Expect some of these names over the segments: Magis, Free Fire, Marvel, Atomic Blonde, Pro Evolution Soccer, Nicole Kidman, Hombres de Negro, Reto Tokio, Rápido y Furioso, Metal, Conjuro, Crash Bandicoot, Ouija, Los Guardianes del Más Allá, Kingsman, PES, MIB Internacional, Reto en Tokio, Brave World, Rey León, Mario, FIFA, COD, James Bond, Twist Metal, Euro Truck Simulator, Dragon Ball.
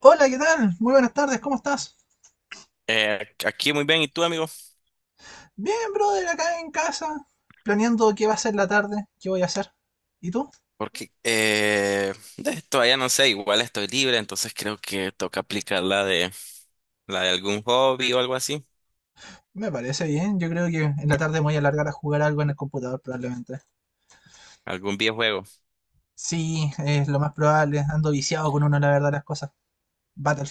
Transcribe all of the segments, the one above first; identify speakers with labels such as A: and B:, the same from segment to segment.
A: Hola, ¿qué tal? Muy buenas tardes, ¿cómo estás?
B: Aquí muy bien, ¿y tú, amigo?
A: Bien, brother, acá en casa, planeando qué va a ser la tarde, qué voy a hacer. ¿Y tú?
B: Porque todavía no sé, igual estoy libre, entonces creo que toca aplicar la de algún hobby o algo así,
A: Me parece bien, yo creo que en la tarde me voy a alargar a jugar algo en el computador probablemente.
B: algún videojuego.
A: Sí, es lo más probable, ando viciado con uno, la verdad, las cosas.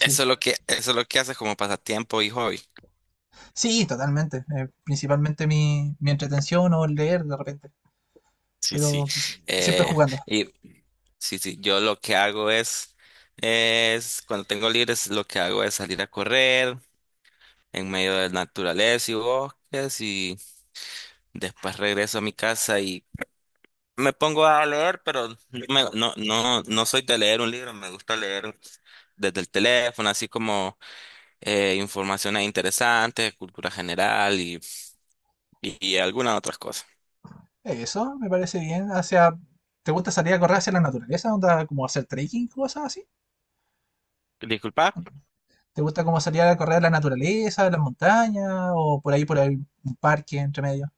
B: Eso es lo que eso es lo que haces como pasatiempo y hobby.
A: Sí, totalmente, principalmente mi entretención o leer de repente,
B: Sí, sí.
A: pero pues, siempre
B: Eh,
A: jugando.
B: y sí, sí, yo lo que hago es, cuando tengo libres lo que hago es salir a correr en medio de la naturaleza y bosques, y después regreso a mi casa. Me pongo a leer, pero no, no, no soy de leer un libro, me gusta leer desde el teléfono, así como informaciones interesantes, cultura general y algunas otras cosas.
A: Eso, me parece bien, hacia... ¿Te gusta salir a correr hacia la naturaleza? ¿Onda como hacer trekking, cosas así?
B: Disculpa.
A: ¿Te gusta como salir a correr a la naturaleza, a las montañas o por ahí, un parque entre medio?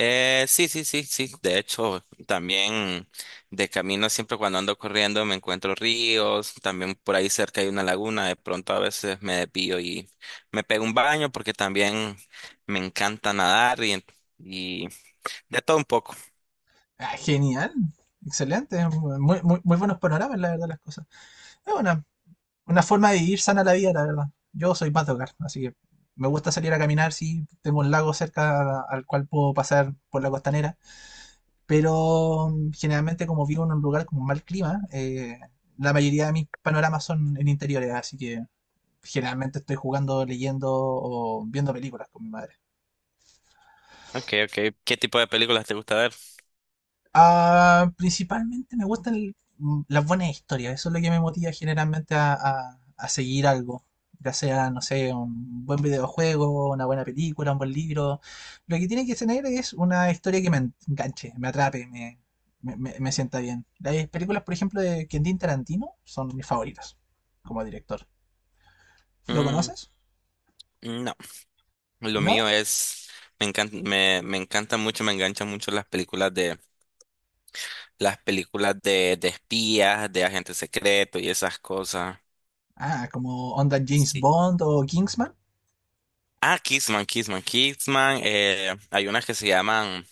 B: Sí, sí, sí, sí. De hecho, también de camino, siempre cuando ando corriendo, me encuentro ríos, también por ahí cerca hay una laguna, de pronto a veces me desvío y me pego un baño, porque también me encanta nadar y de todo un poco.
A: Ah, genial, excelente, muy, muy, muy buenos panoramas, la verdad, las cosas. Es una, una forma de vivir sana la vida, la verdad. Yo soy más de hogar, así que me gusta salir a caminar, si tengo un lago cerca al cual puedo pasar por la costanera, pero generalmente como vivo en un lugar con mal clima, la mayoría de mis panoramas son en interiores, así que generalmente estoy jugando, leyendo o viendo películas con mi madre.
B: Okay, okay. ¿Qué tipo de películas te gusta ver?
A: Ah, principalmente me gustan las buenas historias, eso es lo que me motiva generalmente a, a seguir algo, ya sea, no sé, un buen videojuego, una buena película, un buen libro. Lo que tiene que tener es una historia que enganche, me atrape, me sienta bien. Las películas, por ejemplo, de Quentin Tarantino son mis favoritas como director. ¿Lo
B: Mm,
A: conoces?
B: no, lo
A: ¿No?
B: mío es, me encanta mucho, me enganchan mucho las películas de de espías, de agentes secretos y esas cosas.
A: Ah, como onda James
B: Sí.
A: Bond o Kingsman,
B: Ah, Kissman, Kissman. Hay unas que se llaman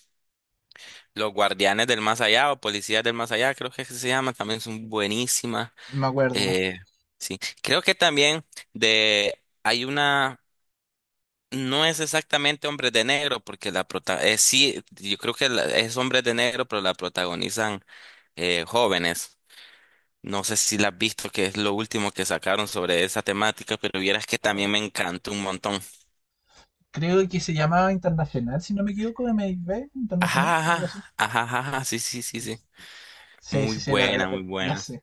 B: Los Guardianes del Más Allá o Policías del Más Allá, creo que es que se llaman, también son buenísimas.
A: me acuerdo.
B: Eh, sí. Creo que también de hay una No es exactamente Hombres de Negro, porque la prota, sí, yo creo que es Hombres de Negro, pero la protagonizan jóvenes. No sé si la has visto, que es lo último que sacaron sobre esa temática, pero vieras que también me encantó un montón.
A: Creo que se llamaba Internacional, si no me equivoco, M MIB Internacional,
B: Ajá,
A: o algo así.
B: ajá, ajá, ajá, ajá, sí, sí, sí, sí.
A: Sí,
B: Muy
A: sí, sí,
B: buena, muy
A: la
B: buena.
A: sé.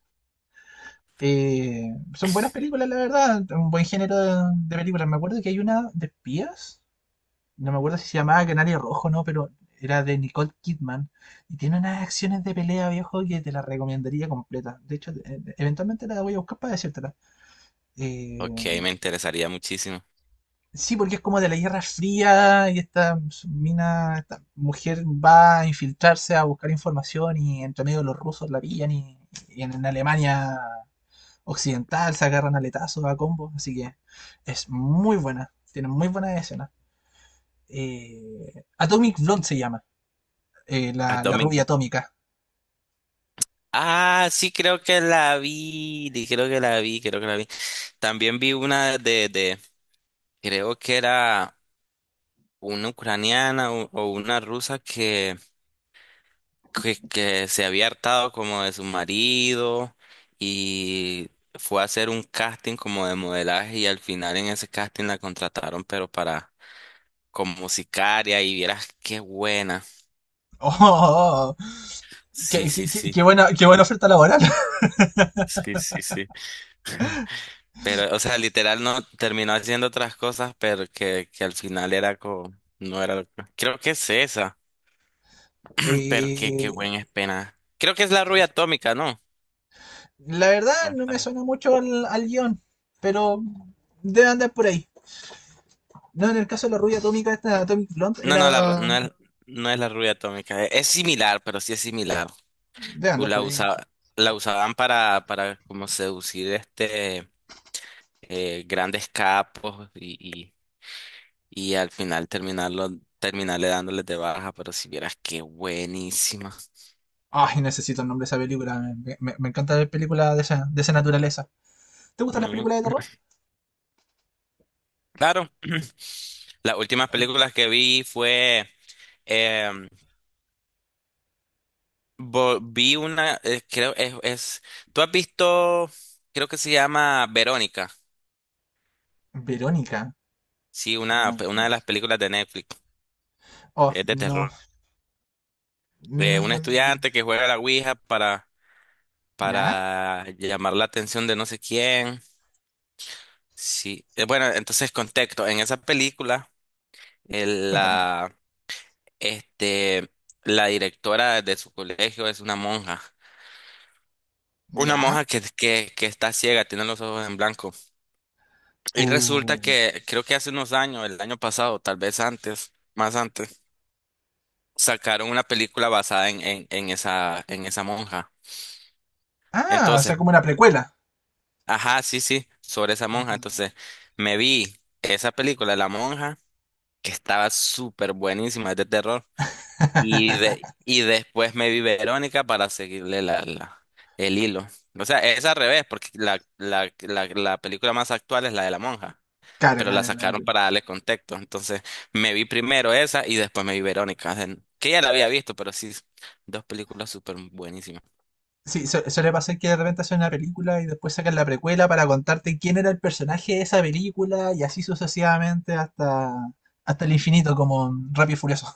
A: Eh, son buenas películas, la verdad, un buen género de películas. Me acuerdo que hay una de espías, no me acuerdo si se llamaba Canario Rojo, no, pero era de Nicole Kidman. Y tiene unas acciones de pelea, viejo, que te la recomendaría completa. De hecho, eventualmente la voy a buscar para decírtela. Eh,
B: Ok, me interesaría muchísimo.
A: Sí, porque es como de la Guerra Fría y esta mina, esta mujer va a infiltrarse a buscar información y entre medio los rusos la pillan y en, Alemania occidental se agarran aletazos a combos, así que es muy buena, tiene muy buenas escenas. Atomic Blonde se llama,
B: A
A: la
B: Domingo.
A: rubia atómica.
B: Ah, sí, creo que la vi, creo que la vi, creo que la vi. También vi una de, creo que era una ucraniana o una rusa que se había hartado como de su marido, y fue a hacer un casting como de modelaje, y al final en ese casting la contrataron, pero para como sicaria, y vieras qué buena.
A: Oh, oh, oh, oh.
B: Sí, sí, sí.
A: Qué buena oferta laboral.
B: Sí, sí, sí. Pero, o sea, literal no terminó haciendo otras cosas, pero que al final era como, no era lo Creo que es esa, pero qué, qué buen es pena. Creo que es la rubia
A: Eh,
B: atómica, ¿no?
A: la verdad no me suena mucho al, al guión, pero debe andar por ahí. No, en el caso de la rubia atómica, esta Atomic Blonde
B: No, no, la, ru-
A: era...
B: no es, no es la rubia atómica. Es similar, pero sí es similar.
A: Debe
B: U-
A: andar
B: La
A: por ahí.
B: usa- la usaban para como seducir, este, grandes capos y, y al final terminarle dándoles de baja, pero si vieras qué buenísima.
A: Ay, necesito el nombre de esa película. Me encanta ver películas de esa naturaleza. ¿Te gustan las
B: Mm,
A: películas de terror?
B: claro. Las últimas
A: Al-
B: películas que vi fue, em, vi una, creo ¿tú has visto? Creo que se llama Verónica.
A: Verónica.
B: Sí,
A: No.
B: una de las películas de Netflix.
A: Oh,
B: Es de
A: no.
B: terror. De un
A: Mm,
B: estudiante que juega a la Ouija
A: ¿ya?
B: para llamar la atención de no sé quién. Sí. Bueno, entonces contexto. En esa película, el-
A: Cuéntanos.
B: la, este, la directora de su colegio es una monja. Una
A: ¿Ya?
B: monja que está ciega, tiene los ojos en blanco. Y resulta
A: Uh.
B: que creo que hace unos años, el año pasado, tal vez antes, más antes, sacaron una película basada en en esa monja.
A: Ah, o
B: Entonces,
A: sea, como una precuela.
B: ajá, sí, sí, sobre esa monja.
A: Entiendo.
B: Entonces, me vi esa película, La Monja, que estaba súper buenísima, es de terror. Y después me vi Verónica para seguirle el hilo. O sea, es al revés, porque la película más actual es la de La Monja,
A: Claro,
B: pero la
A: claro, claro.
B: sacaron para darle contexto. Entonces, me vi primero esa y después me vi Verónica, que ya la había visto, pero sí, dos películas súper buenísimas.
A: Sí, suele pasar que de repente hacen una película y después sacan la precuela para contarte quién era el personaje de esa película y así sucesivamente hasta, hasta el infinito, como en Rápido y Furioso.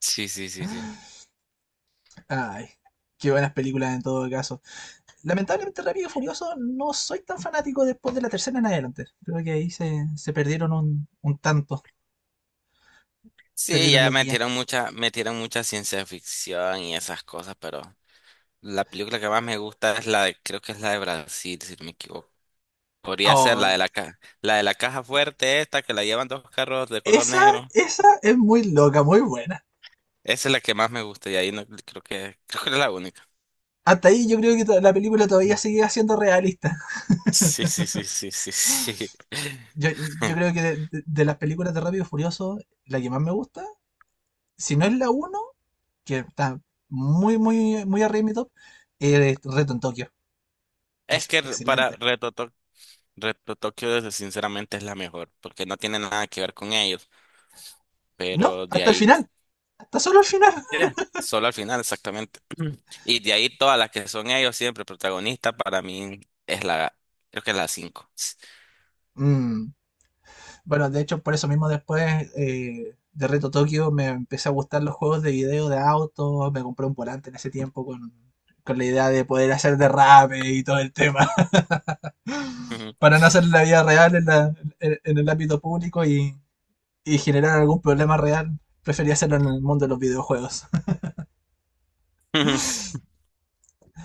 B: Sí, sí, sí, sí.
A: Ay, qué buenas películas en todo caso. Lamentablemente Rápido y Furioso no soy tan fanático después de la tercera en adelante. Creo que ahí se perdieron un tanto,
B: Sí,
A: perdieron la guía.
B: metieron mucha ciencia ficción y esas cosas, pero la película que más me gusta es la de, creo que es la de Brasil, si no me equivoco. Podría ser la
A: Oh,
B: de la de la caja fuerte esta que la llevan dos carros de color
A: esa,
B: negro.
A: esa es muy loca, muy buena.
B: Esa es la que más me gusta, y ahí no, creo que creo que es la única.
A: Hasta ahí yo creo que la película todavía sigue siendo realista.
B: Sí, sí, sí, sí, sí, sí.
A: Yo, yo creo que de, de las películas de Rápido y Furioso, la que más me gusta, si no es la uno que está muy, muy, muy arriba en mi top, es Reto en Tokio.
B: Es
A: Es
B: que
A: excelente.
B: Reto Tokio, sinceramente, es la mejor, porque no tiene nada que ver con ellos.
A: No,
B: Pero de
A: hasta el
B: ahí.
A: final, hasta solo el final.
B: Ya. Solo al final, exactamente. Y de ahí todas las que son ellos siempre protagonistas, para mí es la, creo que es la cinco.
A: Mm, bueno, de hecho, por eso mismo después de Reto Tokio me empecé a gustar los juegos de video de autos, me compré un volante en ese tiempo con la idea de poder hacer derrape y todo el tema,
B: Ujú.
A: para no hacer la vida real en, en el ámbito público y generar algún problema real, prefería hacerlo en el mundo de los videojuegos.
B: Ujú.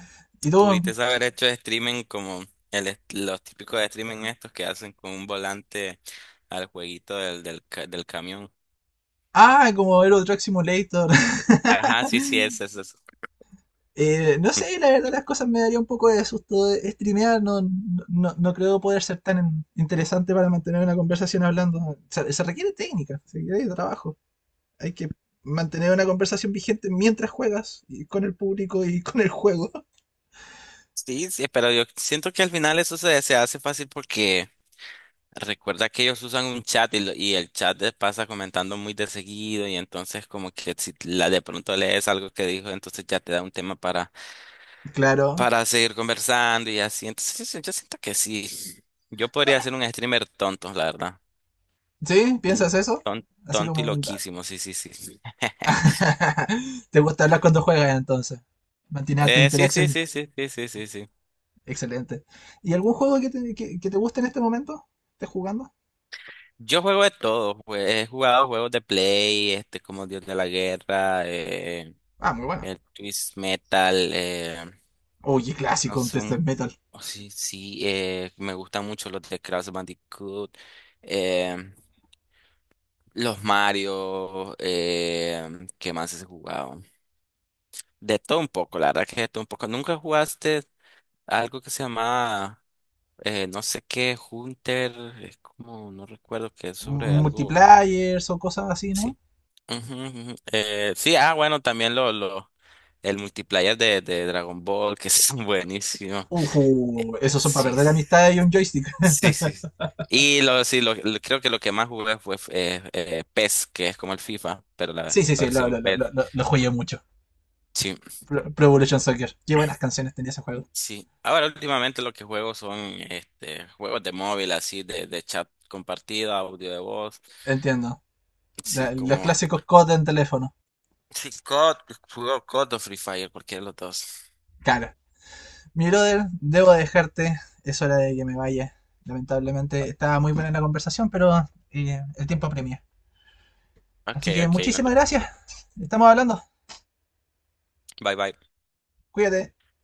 A: Y
B: Pudiste
A: tú,
B: haber hecho streaming como los típicos de streaming estos que hacen con un volante al jueguito del camión.
A: ah, como Euro Truck Simulator.
B: Ajá, sí, sí, es eso.
A: No sé, la verdad las cosas me daría un poco de susto de streamear, no, no creo poder ser tan interesante para mantener una conversación hablando. O sea, se requiere técnica, se requiere trabajo. Hay que mantener una conversación vigente mientras juegas, y con el público y con el juego.
B: Sí, sí, pero yo siento que al final eso se hace fácil, porque recuerda que ellos usan un chat, y el chat les pasa comentando muy de seguido, y entonces como que si la de pronto lees algo que dijo, entonces ya te da un tema
A: Claro.
B: para seguir conversando y así. Entonces yo siento que sí, yo
A: No,
B: podría ser un streamer tonto, la verdad.
A: ¿sí?
B: Mm,
A: ¿Piensas eso? Así
B: tonto y
A: como
B: loquísimo, sí, sí, sí, sí.
A: te gusta hablar cuando juegas entonces. Mantener alta
B: Sí, sí,
A: interacción.
B: sí, sí, sí, sí, sí, sí.
A: Excelente. ¿Y algún juego que te, que te guste en este momento? ¿Estás jugando?
B: Yo juego de todo, pues, he jugado juegos de Play, este como Dios de la Guerra,
A: Ah, muy bueno.
B: el Twist Metal,
A: Oye,
B: No
A: clásico, un Test
B: son,
A: Metal.
B: oh, sí, sí, me gustan mucho los de Crash Bandicoot, em, los Mario. ¿Qué más has jugado? De todo un poco, la verdad, que de todo un poco. ¿Nunca jugaste algo que se llama, no sé qué, Hunter? Es como, no recuerdo, que es sobre algo,
A: ¿Multiplayers o cosas así, no?
B: sí. Ujú, ujú. Sí, ah, bueno, también el multiplayer de Dragon Ball, que es buenísimo. Eh,
A: Ujú, esos son para
B: Sí.
A: perder amistad y un joystick.
B: Sí, sí. Creo que lo que más jugué fue, PES, que es como el FIFA, pero
A: Sí,
B: la
A: sí, sí,
B: versión PES.
A: lo jugué mucho.
B: Sí,
A: Pro, Pro Evolution Soccer. Qué buenas canciones tenía ese juego.
B: sí. Ahora últimamente lo que juego son, este, juegos de móvil, así, de chat compartida, audio de voz.
A: Entiendo.
B: Sí,
A: La- los
B: como...
A: clásicos COD en teléfono.
B: Sí, COD, juego COD o D o Free Fire, cualquiera de los dos.
A: Claro. Mi brother, debo dejarte. Es hora de que me vaya. Lamentablemente estaba muy buena la conversación, pero el tiempo apremia.
B: Ok,
A: Así que
B: ok, no te
A: muchísimas gracias.
B: preocupes.
A: Estamos hablando.
B: Bye, bye.
A: Cuídate.